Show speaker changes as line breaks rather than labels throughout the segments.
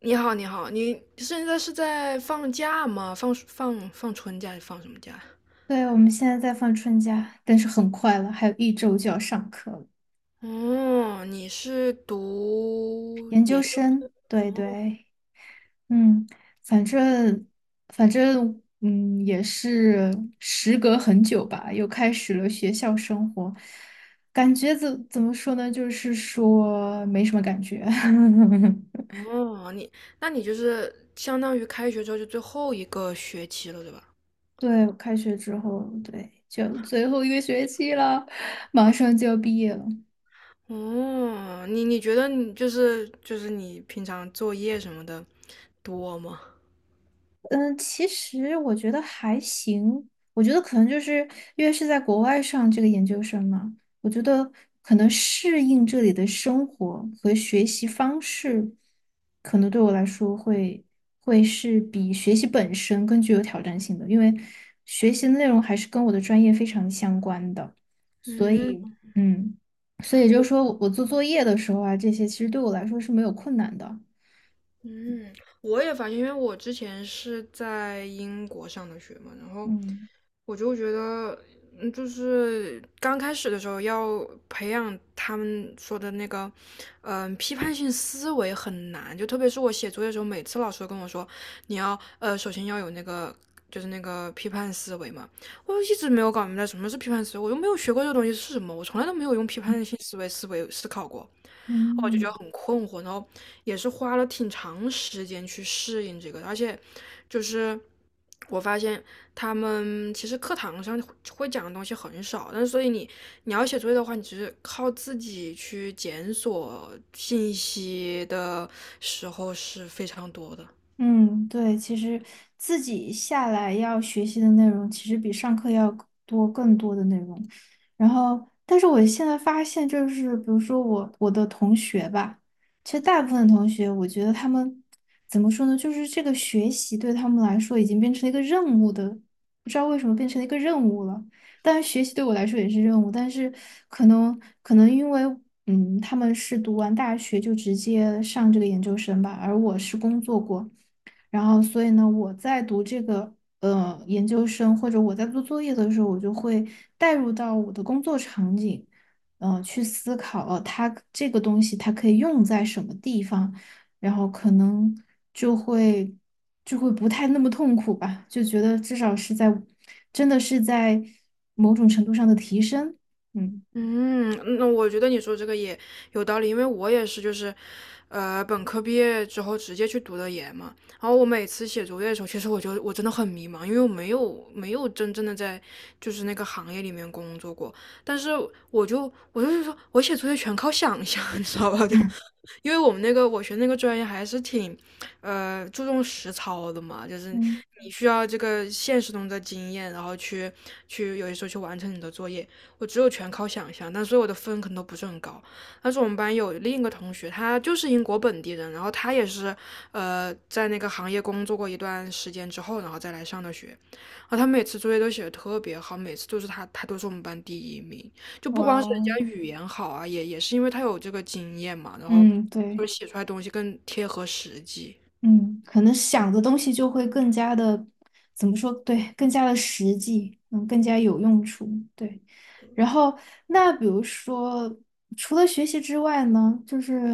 你好，你好，你现在是在放假吗？放暑放放春假还是放什么假？
对，我们现在在放春假，但是很快了，还有一周就要上课了。
哦，你是读
研究
研究
生，
生？
对
哦，
对，嗯，反正反正，嗯，也是时隔很久吧，又开始了学校生活，感觉怎么说呢？就是说没什么感觉。
哦，那你就是相当于开学之后就最后一个学期了，对吧？
对，我开学之后，对，就最后一个学期了，马上就要毕业了。
哦，你觉得你你平常作业什么的多吗？
嗯，其实我觉得还行。我觉得可能就是因为是在国外上这个研究生嘛，我觉得可能适应这里的生活和学习方式，可能对我来说会是比学习本身更具有挑战性的，因为学习的内容还是跟我的专业非常相关的，所
嗯，
以嗯，所以也就
我。
是说我做作业的时候啊，这些其实对我来说是没有困难的。
嗯，我也发现，因为我之前是在英国上的学嘛，然后
嗯
我就觉得，就是刚开始的时候要培养他们说的那个，批判性思维很难，就特别是我写作业的时候，每次老师都跟我说，你要首先要有那个。就是那个批判思维嘛，我一直没有搞明白什么是批判思维，我又没有学过这个东西是什么，我从来都没有用批判性思维思考过。
嗯。
也是花了挺长时间去适应这个，而且就是我发现他们其实课堂上会讲的东西很少，但是所以你要写作业的话，你只是靠自己去检索信息的时候是非常多的。
嗯，对，其实自己下来要学习的内容，其实比上课要多更多的内容。然后，但是我现在发现，就是比如说我的同学吧，其实大部分同学，我觉得他们怎么说呢，就是这个学习对他们来说已经变成了一个任务的，不知道为什么变成了一个任务了。但是学习对我来说也是任务，但是可能因为嗯，他们是读完大学就直接上这个研究生吧，而我是工作过。然后，所以呢，我在读这个研究生，或者我在做作业的时候，我就会带入到我的工作场景，去思考，它这个东西它可以用在什么地方，然后可能就会就会不太那么痛苦吧，就觉得至少是在真的是在某种程度上的提升，嗯
嗯，嗯那我觉得你说这个也有道理，因为我也是，就是，本科毕业之后直接去读的研嘛。然后我每次写作业的时候，其实我真的很迷茫，因为我没有真正的在就是那个行业里面工作过。但是我就是说我写作业全靠想象，你知道吧？就 因为我学那个专业还是挺，注重实操的嘛，就是
嗯，
你需要这个现实中的经验，然后去有些时候去完成你的作业。我只有全靠想象，但所以我的分可能都不是很高。但是我们班有另一个同学，他就是英国本地人，然后他也是在那个行业工作过一段时间之后，然后再来上的学。然后他每次作业都写的特别好，每次都是他，他都是我们班第一名。就不
哇
光是人
哦，
家语言好啊，也是因为他有这个经验嘛，然后
嗯，
就
对。
是写出来的东西更贴合实际。
嗯，可能想的东西就会更加的，怎么说？对，更加的实际，嗯，更加有用处。对。然后，那比如说，除了学习之外呢，就是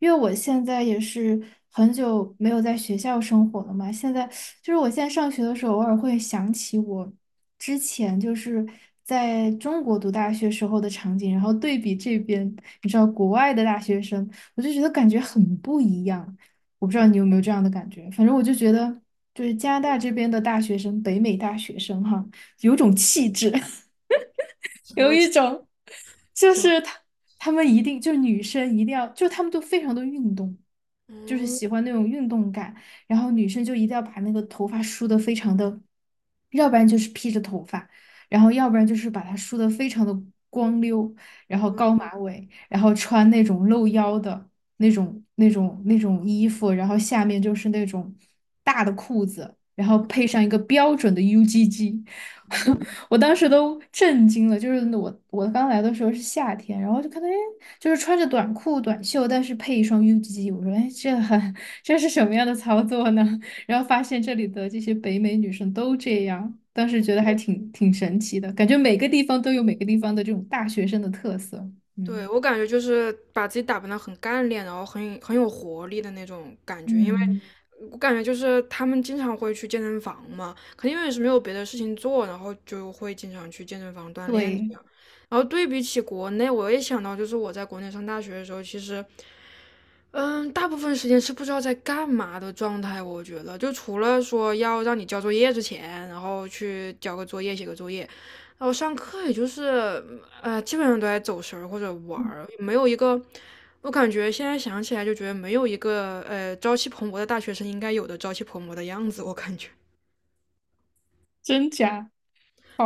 因为我现在也是很久没有在学校生活了嘛，现在就是我现在上学的时候，偶尔会想起我之前就是在中国读大学时候的场景，然后对比这边，你知道国外的大学生，我就觉得感觉很不一样。我不知道
嗯，
你有没有这样的感觉，反正我就觉得，就是加拿大这边的大学生，北美大学生哈，有种气质。
什
有
么
一种就
什么？
是他们一定就是女生一定要，就他们都非常的运动，就是
嗯。
喜欢那种运动感，然后女生就一定要把那个头发梳的非常的，要不然就是披着头发，然后要不然就是把它梳的非常的光溜，然后高马尾，然后穿那种露腰的那种衣服，然后下面就是那种大的裤子，然后配上一个标准的 UGG。我当时都震惊了，就是我刚来的时候是夏天，然后就看到哎，就是穿着短裤短袖，但是配一双 UGG，我说哎，这是什么样的操作呢？然后发现这里的这些北美女生都这样，当时觉得还挺神奇的，感觉每个地方都有每个地方的这种大学生的特色。
对，
嗯
我感觉就是把自己打扮得很干练，然后很有活力的那种感觉。因为
嗯，
我感觉就是他们经常会去健身房嘛，肯定也是没有别的事情做，然后就会经常去健身房锻炼这
对，
样。然后对比起国内，我也想到，就是我在国内上大学的时候，其实嗯，大部分时间是不知道在干嘛的状态，我觉得就除了说要让你交作业之前，然后去交个作业、写个作业，然后上课也就是基本上都在走神儿或者玩儿，没有一个我感觉现在想起来就觉得没有一个朝气蓬勃的大学生应该有的朝气蓬勃的样子，我感觉。
真假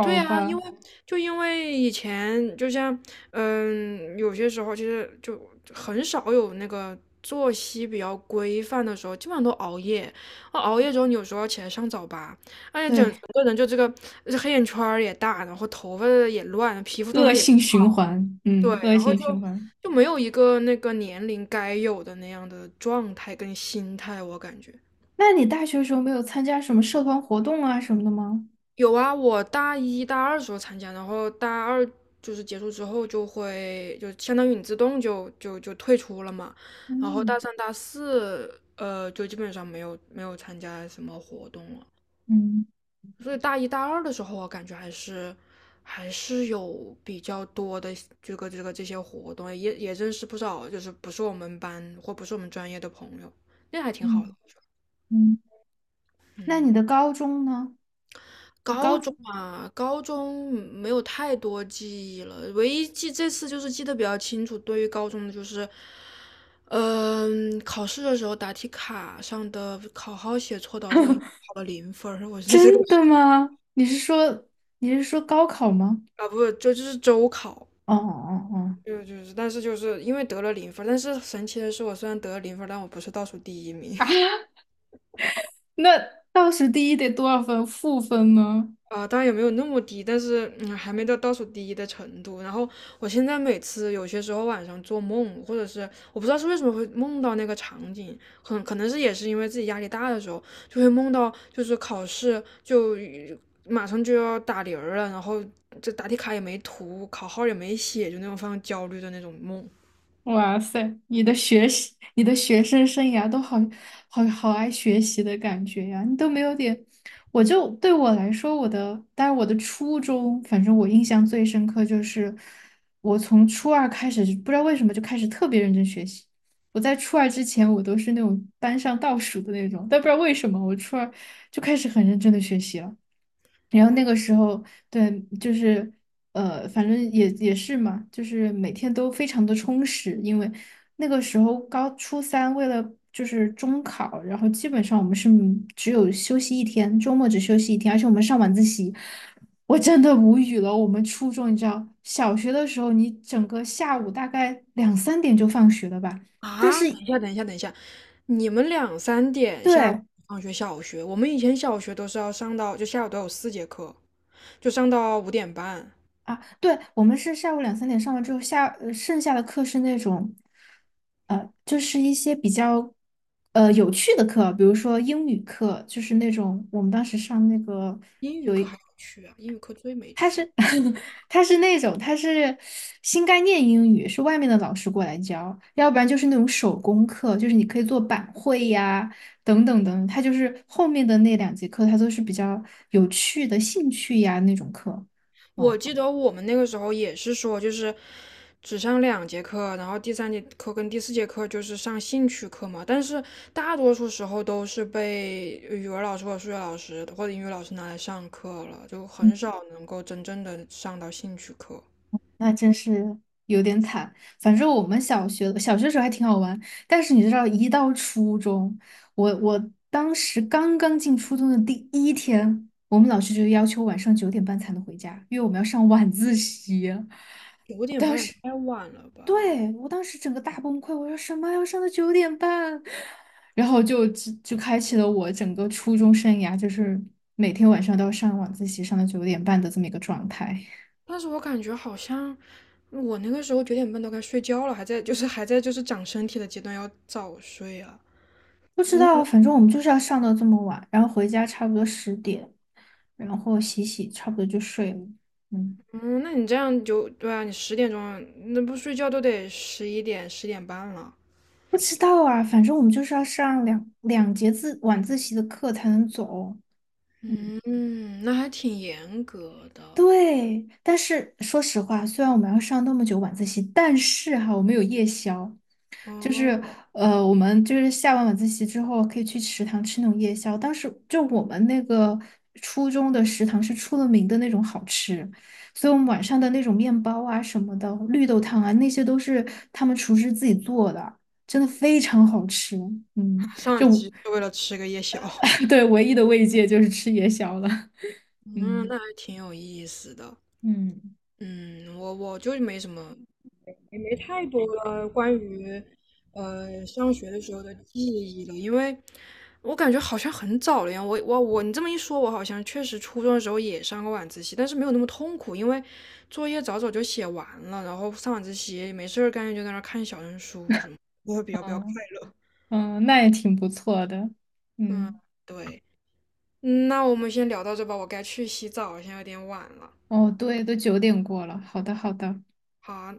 对呀，
吧，
就因为以前就像，有些时候其实就很少有那个作息比较规范的时候，基本上都熬夜。啊熬夜之后，你有时候要起来上早8，而且整整
对，
个人就这黑眼圈儿也大，然后头发也乱，皮肤状
恶
态也不
性循环，
对，
嗯，恶
然后
性
就
循环。
就没有一个那个年龄该有的那样的状态跟心态，我感觉。
那你大学的时候没有参加什么社团活动啊什么的吗？
有啊，我大一大二时候参加，然后大二就是结束之后就相当于你自动就退出了嘛，然后大
嗯
三大四就基本上没有参加什么活动了，
嗯
所以大一大二的时候我感觉还是有比较多的这些活动，也认识不少就是不是我们班或不是我们专业的朋友，那还挺好的。
嗯嗯，那你的高中呢？你高
高中
中
嘛，高中没有太多记忆了，唯一记这次就是记得比较清楚，对于高中的就是，考试的时候答题卡上的考号写错，导致我一共 考了零分儿。 我觉得这个
真的吗？你是说高考吗？
啊不是就是周考，
哦哦哦，
就就是，但是就是因为得了零分儿但是神奇的是，我虽然得了零分儿但我不是倒数第一名。
啊那倒数第一得多少分？负分吗？
啊，当然也没有那么低，但是还没到倒数第一的程度。然后我现在每次有些时候晚上做梦，或者是我不知道是为什么会梦到那个场景，很可能是也是因为自己压力大的时候，就会梦到就是考试就马上就要打铃儿了，然后这答题卡也没涂，考号也没写，就那种非常焦虑的那种梦。
哇塞，你的学习，你的学生生涯都好好爱学习的感觉呀，你都没有点，对我来说，但是我的初中，反正我印象最深刻就是，我从初二开始，不知道为什么就开始特别认真学习。我在初二之前，我都是那种班上倒数的那种，但不知道为什么，我初二就开始很认真的学习了。然后那个时候，对，就是反正也是嘛，就是每天都非常的充实，因为那个时候高初三为了就是中考，然后基本上我们是只有休息一天，周末只休息一天，而且我们上晚自习，我真的无语了。我们初中，你知道，小学的时候你整个下午大概两三点就放学了吧，但是。
啊！等一下，等一下，等一下，你们两三点下午
对，
放学？小学我们以前小学都是要上到就下午都有四节课。就上到5:30。
啊，对，我们是下午两三点上完之后，下，剩下的课是那种，就是一些比较，有趣的课，比如说英语课，就是那种我们当时上那个，
英语课还要去啊，英语课最没
它
去。
是 它是新概念英语，是外面的老师过来教，要不然就是那种手工课，就是你可以做板绘呀，等等等，它就是后面的那两节课，它都是比较有趣的兴趣呀那种课。
我
嗯
记得我们那个时候也是说，就是只上两节课，然后第三节课跟第四节课就是上兴趣课嘛。但是大多数时候都是被语文老师或者数学老师或者英语老师拿来上课了，就很少能够真正的上到兴趣课。
那真是有点惨。反正我们小学时候还挺好玩，但是你知道，一到初中，我当时刚刚进初中的第一天，我们老师就要求晚上九点半才能回家，因为我们要上晚自习。
九点半也太晚了吧？
对，我当时整个大崩溃，我说什么要上到九点半，然后就开启了我整个初中生涯，就是每天晚上都要上晚自习，上到九点半的这么一个状态。
但是我感觉好像我那个时候九点半都该睡觉了，还在就是还在就是长身体的阶段，要早睡啊。
不知
嗯
道，反正我们就是要上到这么晚，然后回家差不多十点，然后洗洗，差不多就睡了。嗯，
嗯，那你这样就对啊，你10点钟那不睡觉都得11点、10:30了。
不知道啊，反正我们就是要上两节自晚自习的课才能走哦。嗯。
嗯，那还挺严格的
对，但是说实话，虽然我们要上那么久晚自习，但是哈，我们有夜宵，就是
哦。
我们就是下完晚自习之后可以去食堂吃那种夜宵。当时就我们那个初中的食堂是出了名的那种好吃，所以我们晚上的那种面包啊什么的，绿豆汤啊那些都是他们厨师自己做的，真的非常好吃。嗯，
上一
就
次是为了吃个夜宵，
对，唯一的慰藉就是吃夜宵了。
嗯，
嗯
那还挺有意思的。
嗯，
嗯，我没什么也没太多了关于上学的时候的记忆了，因为我感觉好像很早了呀。我我我，你这么一说，我好像确实初中的时候也上过晚自习，但是没有那么痛苦，因为作业早早就写完了，然后上晚自习没事儿干就在那儿看小人书什么，我会比较快
嗯。
乐。
嗯，那也挺不错的。
嗯，
嗯，
对，那我们先聊到这吧，我该去洗澡，现在有点晚了。
哦，对，都九点过了。好的，好的。
好啊，